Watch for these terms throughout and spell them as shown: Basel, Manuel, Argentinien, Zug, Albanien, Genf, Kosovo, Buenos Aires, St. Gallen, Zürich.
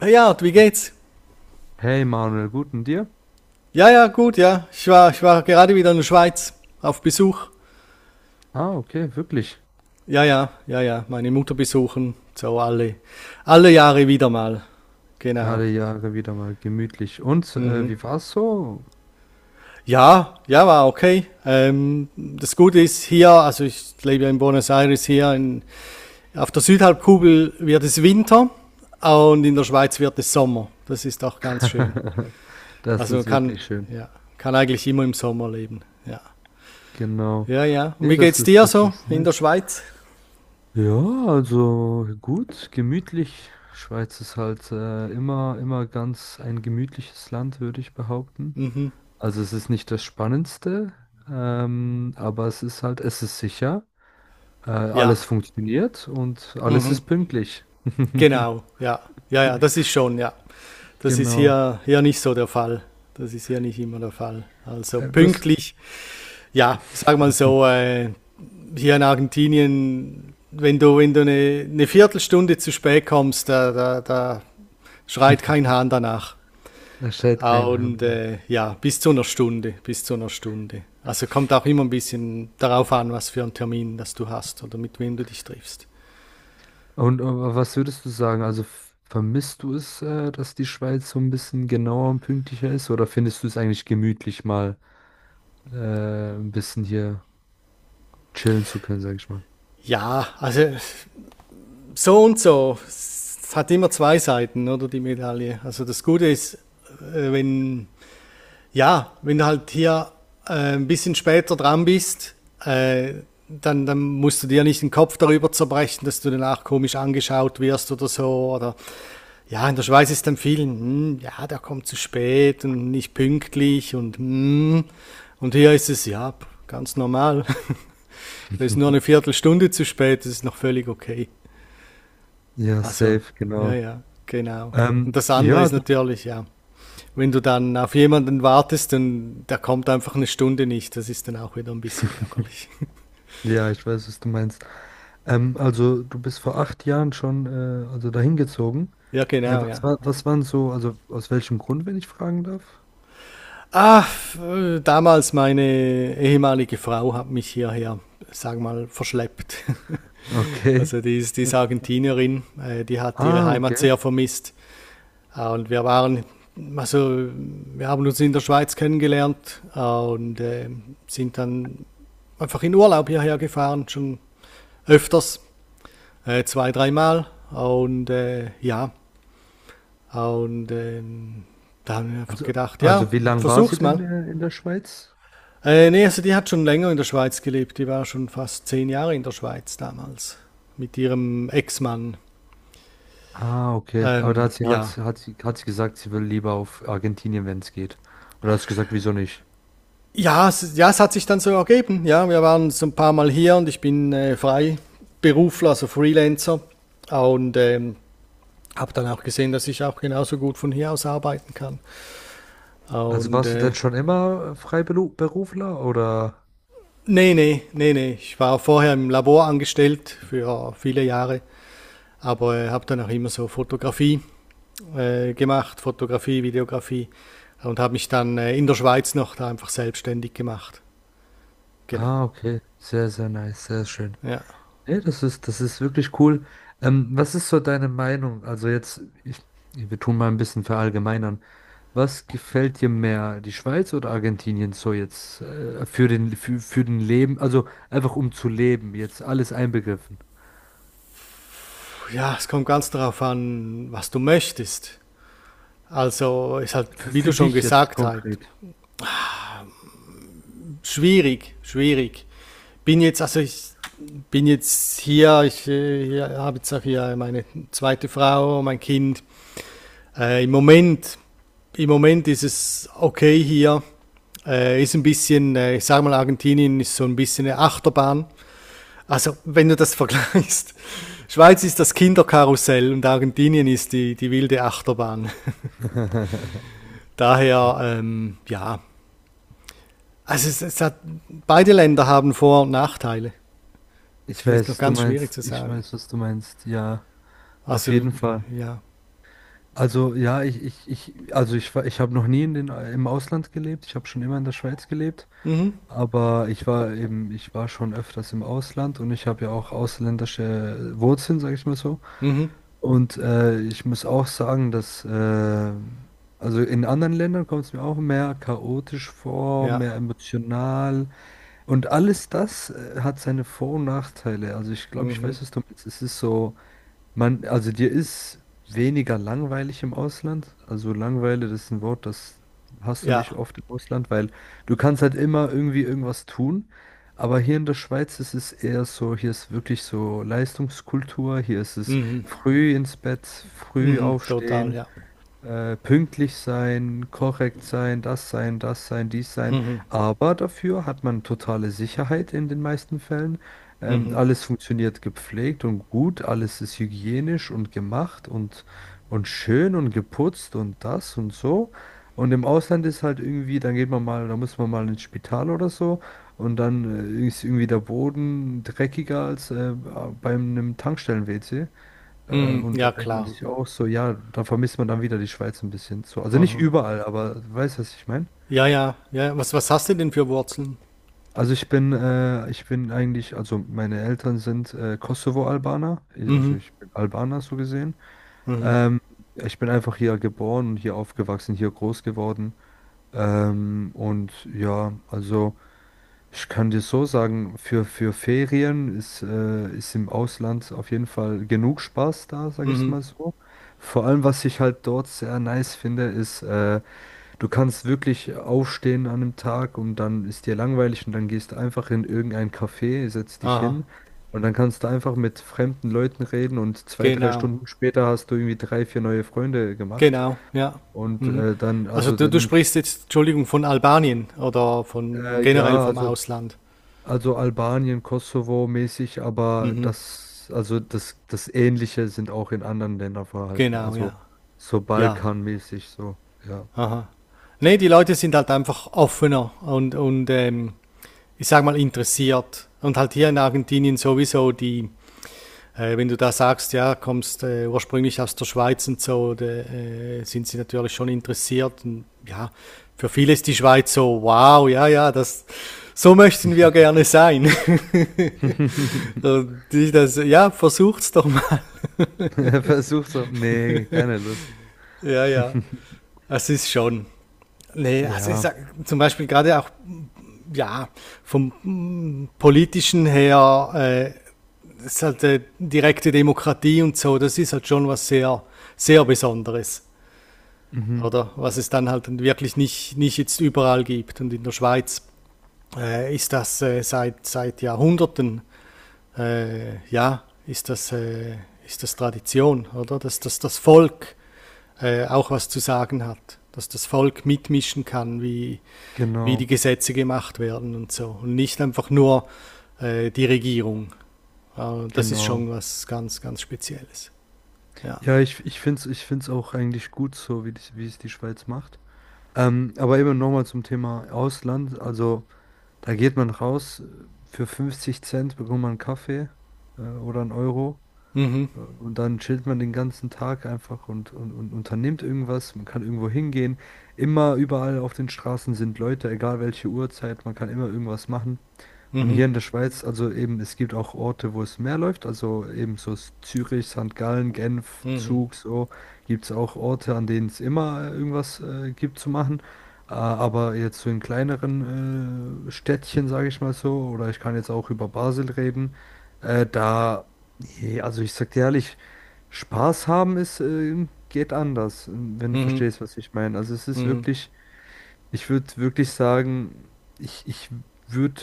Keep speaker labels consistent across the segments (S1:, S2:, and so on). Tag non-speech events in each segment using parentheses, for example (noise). S1: Hey Art, wie geht's?
S2: Hey Manuel, guten dir?
S1: Ja, ja, gut, ja. Ich war gerade wieder in der Schweiz auf Besuch.
S2: Ah, okay, wirklich.
S1: Ja, ja, ja, ja. Meine Mutter besuchen. So alle Jahre wieder mal. Genau.
S2: Alle Jahre wieder mal gemütlich. Und
S1: Mhm.
S2: wie war's so?
S1: Ja, ja, war okay. Das Gute ist hier, also ich lebe ja in Buenos Aires hier, auf der Südhalbkugel wird es Winter und in der Schweiz wird es Sommer. Das ist auch ganz schön.
S2: (laughs) Das
S1: Also man
S2: ist
S1: kann,
S2: wirklich schön.
S1: ja, kann eigentlich immer im Sommer leben. Ja.
S2: Genau.
S1: Ja, ja. Und
S2: Nee,
S1: wie
S2: das
S1: geht's
S2: ist,
S1: dir
S2: das
S1: so
S2: ist
S1: in der
S2: nice.
S1: Schweiz?
S2: Ja, also gut, gemütlich. Schweiz ist halt immer ganz ein gemütliches Land, würde ich behaupten. Also es ist nicht das Spannendste, aber es ist halt, es ist sicher. Alles
S1: Ja,
S2: funktioniert und alles ist pünktlich.
S1: genau. Ja, ja, ja, das
S2: (laughs)
S1: ist schon, ja. Das ist
S2: Genau.
S1: hier, nicht so der Fall. Das ist hier nicht immer der Fall. Also
S2: Du hast.
S1: pünktlich, ja, sag mal
S2: (laughs)
S1: so, hier in Argentinien, wenn du, wenn du eine, Viertelstunde zu spät kommst, da schreit kein Hahn danach.
S2: Da schreit
S1: Ah,
S2: kein Hahn
S1: und
S2: danach.
S1: ja, bis zu einer Stunde, bis zu einer Stunde. Also kommt auch immer ein bisschen darauf an, was für einen Termin das du hast oder mit wem du dich triffst.
S2: Und was würdest du sagen? Also vermisst du es, dass die Schweiz so ein bisschen genauer und pünktlicher ist? Oder findest du es eigentlich gemütlich, mal ein bisschen hier chillen zu können, sag ich mal?
S1: Ja, also so und so. Es hat immer zwei Seiten, oder die Medaille. Also das Gute ist, wenn ja, wenn du halt hier ein bisschen später dran bist, äh, dann musst du dir nicht den Kopf darüber zerbrechen, dass du danach komisch angeschaut wirst oder so. Oder ja, in der Schweiz ist dann vielen, hm, ja, der kommt zu spät und nicht pünktlich und hm. Und hier ist es, ja, ganz normal. (laughs) Da ist nur
S2: (laughs)
S1: eine Viertelstunde zu spät, das ist noch völlig okay.
S2: Ja,
S1: Also,
S2: safe,
S1: ja,
S2: genau.
S1: ja, genau. Und das andere
S2: Ja,
S1: ist natürlich, ja, wenn du dann auf jemanden wartest und der kommt einfach eine Stunde nicht, das ist dann auch wieder ein bisschen ärgerlich.
S2: ja, ich weiß, was du meinst. Also du bist vor 8 Jahren schon also dahin gezogen.
S1: (laughs) Ja, genau,
S2: Was
S1: ja.
S2: war, was waren so, also aus welchem Grund, wenn ich fragen darf?
S1: Ah, damals meine ehemalige Frau hat mich hierher, sag mal, verschleppt. (laughs)
S2: Okay.
S1: Also die ist Argentinierin, die hat ihre
S2: Ah,
S1: Heimat
S2: okay.
S1: sehr vermisst. Und wir waren, also wir haben uns in der Schweiz kennengelernt, und sind dann einfach in Urlaub hierher gefahren, schon öfters, zwei, dreimal. Und ja, und da haben wir einfach
S2: Also,
S1: gedacht,
S2: also
S1: ja,
S2: wie lange war sie
S1: versuch's
S2: denn
S1: mal.
S2: in der Schweiz?
S1: Nee, also die hat schon länger in der Schweiz gelebt. Die war schon fast 10 Jahre in der Schweiz damals mit ihrem Ex-Mann.
S2: Ah, okay. Aber da
S1: Ja,
S2: hat sie gesagt, sie will lieber auf Argentinien, wenn es geht. Und da hast du gesagt, wieso nicht?
S1: ja, es, ja, es hat sich dann so ergeben. Ja, wir waren so ein paar Mal hier und ich bin Freiberufler, also Freelancer. Und habe dann auch gesehen, dass ich auch genauso gut von hier aus arbeiten kann.
S2: Also
S1: Und
S2: warst du denn schon immer Freiberufler oder?
S1: nee, nee, nee, nee. Ich war vorher im Labor angestellt für viele Jahre, aber habe dann auch immer so Fotografie gemacht, Fotografie, Videografie und habe mich dann in der Schweiz noch da einfach selbstständig gemacht. Genau,
S2: Ah, okay. Sehr, sehr nice, sehr schön.
S1: ja.
S2: Nee, das ist wirklich cool. Was ist so deine Meinung? Also jetzt, wir tun mal ein bisschen verallgemeinern. Was gefällt dir mehr, die Schweiz oder Argentinien so jetzt für den Leben, also einfach um zu leben, jetzt alles einbegriffen.
S1: Ja, es kommt ganz darauf an, was du möchtest. Also ist halt,
S2: Für,
S1: wie du
S2: für
S1: schon
S2: dich jetzt
S1: gesagt hast,
S2: konkret.
S1: schwierig, schwierig. Also ich bin jetzt hier, habe jetzt auch hier meine zweite Frau, mein Kind. Äh, Im Moment, im Moment ist es okay hier. Ist ein bisschen, ich sag mal, Argentinien ist so ein bisschen eine Achterbahn. Also wenn du das (laughs) vergleichst, Schweiz ist das Kinderkarussell und Argentinien ist die wilde Achterbahn.
S2: (laughs)
S1: Daher, ja, also es hat, beide Länder haben Vor- und Nachteile. Es
S2: Ich
S1: ist
S2: weiß,
S1: noch
S2: was du
S1: ganz schwierig
S2: meinst.
S1: zu
S2: Ich
S1: sagen.
S2: weiß, was du meinst. Ja, auf
S1: Also,
S2: jeden Fall.
S1: ja.
S2: Also ja, ich also ich habe noch nie in den im Ausland gelebt. Ich habe schon immer in der Schweiz gelebt.
S1: Mhm,
S2: Aber ich war schon öfters im Ausland und ich habe ja auch ausländische Wurzeln, sage ich mal so.
S1: mhm,
S2: Und ich muss auch sagen, dass, also in anderen Ländern kommt es mir auch mehr chaotisch vor,
S1: ja,
S2: mehr emotional. Und alles das hat seine Vor- und Nachteile. Also ich glaube, ich weiß, was du meinst. Es ist so. Also dir ist weniger langweilig im Ausland. Also Langeweile, das ist ein Wort, das hast du nicht
S1: ja,
S2: oft im Ausland, weil du kannst halt immer irgendwie irgendwas tun. Aber hier in der Schweiz ist es eher so, hier ist wirklich so Leistungskultur, hier ist es früh ins Bett, früh
S1: mhm, total,
S2: aufstehen
S1: ja.
S2: pünktlich sein, korrekt sein, das sein, das sein, dies sein. Aber dafür hat man totale Sicherheit in den meisten Fällen.
S1: Mhm,
S2: Alles funktioniert gepflegt und gut, alles ist hygienisch und gemacht und schön und geputzt und das und so. Und im Ausland ist halt irgendwie, dann geht man mal, da muss man mal ins Spital oder so und dann ist irgendwie der Boden dreckiger als beim einem Tankstellen-WC.
S1: mhm,
S2: Und
S1: ja,
S2: dann denkt man
S1: klar.
S2: sich auch so, ja, da vermisst man dann wieder die Schweiz ein bisschen so. Also nicht
S1: Mhm.
S2: überall, aber du weißt, was ich meine?
S1: Ja, ja, ja, was hast du denn für Wurzeln?
S2: Also ich bin eigentlich, also meine Eltern sind Kosovo-Albaner, also ich bin Albaner so gesehen. Ähm, Ich bin einfach hier geboren und hier aufgewachsen, hier groß geworden. Und ja, also ich kann dir so sagen, für Ferien ist im Ausland auf jeden Fall genug Spaß da, sage ich es
S1: Mhm,
S2: mal so. Vor allem, was ich halt dort sehr nice finde, ist, du kannst wirklich aufstehen an einem Tag und dann ist dir langweilig und dann gehst du einfach in irgendein Café, setzt dich
S1: aha,
S2: hin und dann kannst du einfach mit fremden Leuten reden und zwei, drei
S1: genau,
S2: Stunden später hast du irgendwie drei, vier neue Freunde gemacht.
S1: genau, ja.
S2: Und
S1: Mhm. Also du
S2: dann
S1: sprichst jetzt, Entschuldigung, von Albanien oder von generell
S2: Ja,
S1: vom
S2: also,
S1: Ausland.
S2: also Albanien, Kosovo mäßig, aber
S1: Mhm,
S2: das Ähnliche sind auch in anderen Ländern vorhanden.
S1: genau, ja,
S2: Also so
S1: ja,
S2: Balkanmäßig, so, ja.
S1: aha. Nee, die Leute sind halt einfach offener und ich sag mal interessiert. Und halt hier in Argentinien sowieso die, wenn du da sagst, ja, kommst ursprünglich aus der Schweiz und so, da, sind sie natürlich schon interessiert. Und, ja, für viele ist die Schweiz so, wow, ja, ja, das, so möchten wir gerne sein. (laughs)
S2: (laughs)
S1: Und die das, ja, versucht's doch mal. (laughs)
S2: Versuch so. Nee, keine Lust.
S1: Ja, ja,
S2: (laughs)
S1: es ist schon. Nee, also ich
S2: Ja,
S1: sag, zum Beispiel gerade auch ja, vom politischen her, ist halt direkte Demokratie und so, das ist halt schon was sehr, sehr Besonderes,
S2: mhm,
S1: oder? Was es dann halt wirklich nicht, nicht jetzt überall gibt. Und in der Schweiz ist das seit Jahrhunderten ja, ist das Tradition, oder? Dass das Volk auch was zu sagen hat, dass das Volk mitmischen kann, wie die
S2: genau,
S1: Gesetze gemacht werden und so. Und nicht einfach nur die Regierung. Das ist
S2: genau.
S1: schon was ganz, ganz Spezielles. Ja.
S2: Ja, ich finde es ich find's auch eigentlich gut so, wie es die Schweiz macht. Aber eben nochmal zum Thema Ausland. Also. Da geht man raus, für 50 Cent bekommt man einen Kaffee oder einen Euro.
S1: Mhm,
S2: Und dann chillt man den ganzen Tag einfach und unternimmt irgendwas. Man kann irgendwo hingehen. Immer überall auf den Straßen sind Leute, egal welche Uhrzeit. Man kann immer irgendwas machen. Und hier
S1: mhm,
S2: in der Schweiz, also eben, es gibt auch Orte, wo es mehr läuft. Also eben so Zürich, St. Gallen, Genf,
S1: mhm,
S2: Zug, so gibt es auch Orte, an denen es immer irgendwas gibt zu machen. Aber jetzt so in kleineren Städtchen, sage ich mal so, oder ich kann jetzt auch über Basel reden. Da Nee, also ich sag dir ehrlich, Spaß haben ist, geht anders, wenn du
S1: mhm,
S2: verstehst, was ich meine. Also es ist
S1: mhm,
S2: wirklich, ich würde wirklich sagen, ich würde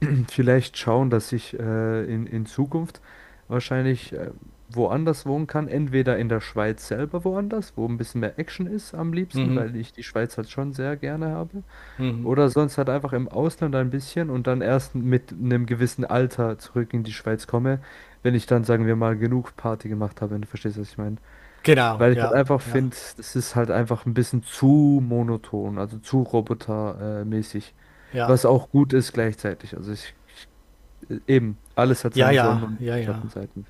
S2: (clears throat) vielleicht schauen, dass ich in Zukunft wahrscheinlich woanders wohnen kann. Entweder in der Schweiz selber woanders, wo ein bisschen mehr Action ist am liebsten,
S1: mhm,
S2: weil ich die Schweiz halt schon sehr gerne habe.
S1: mhm.
S2: Oder sonst halt einfach im Ausland ein bisschen und dann erst mit einem gewissen Alter zurück in die Schweiz komme, wenn ich dann, sagen wir mal, genug Party gemacht habe, wenn du verstehst, was ich meine.
S1: Genau,
S2: Weil ich halt
S1: ja,
S2: einfach
S1: ja,
S2: finde, das ist halt einfach ein bisschen zu monoton, also zu robotermäßig.
S1: ja.
S2: Was auch gut ist gleichzeitig. Also ich eben, alles hat
S1: Ja,
S2: seine
S1: ja,
S2: Sonnen- und
S1: ja, ja.
S2: Schattenseiten.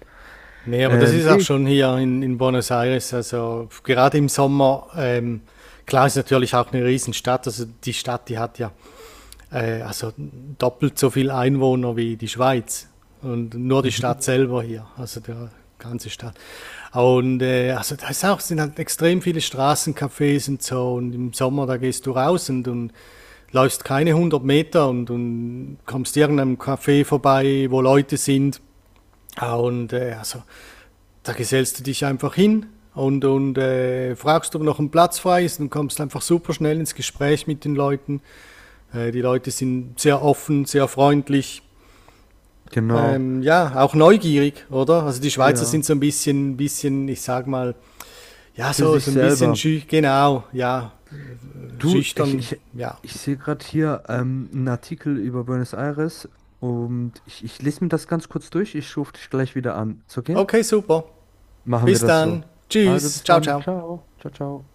S1: Nee, aber das ist auch
S2: Nee.
S1: schon hier in Buenos Aires. Also gerade im Sommer, klar ist natürlich auch eine Riesenstadt. Also die Stadt, die hat ja also doppelt so viel Einwohner wie die Schweiz. Und nur die Stadt
S2: Mhm.
S1: selber hier, also der ganze Stadt. Und also da ist auch, sind halt extrem viele Straßencafés und so. Und im Sommer, da gehst du raus und läufst keine 100 Meter und kommst irgendeinem Café vorbei, wo Leute sind. Ah, und also da gesellst du dich einfach hin und fragst, ob noch ein Platz frei ist und kommst einfach super schnell ins Gespräch mit den Leuten. Die Leute sind sehr offen, sehr freundlich.
S2: Genau.
S1: Ja, auch neugierig, oder? Also die Schweizer
S2: Ja.
S1: sind so ein bisschen, bisschen, ich sag mal, ja,
S2: Für
S1: so,
S2: sich
S1: so ein bisschen
S2: selber.
S1: genau, ja,
S2: Du,
S1: schüchtern, ja.
S2: ich sehe gerade hier einen Artikel über Buenos Aires und ich lese mir das ganz kurz durch. Ich rufe dich gleich wieder an. Ist okay?
S1: Okay, super.
S2: Machen wir
S1: Bis
S2: das so.
S1: dann.
S2: Also
S1: Tschüss.
S2: bis
S1: Ciao,
S2: dann.
S1: ciao.
S2: Ciao. Ciao, ciao.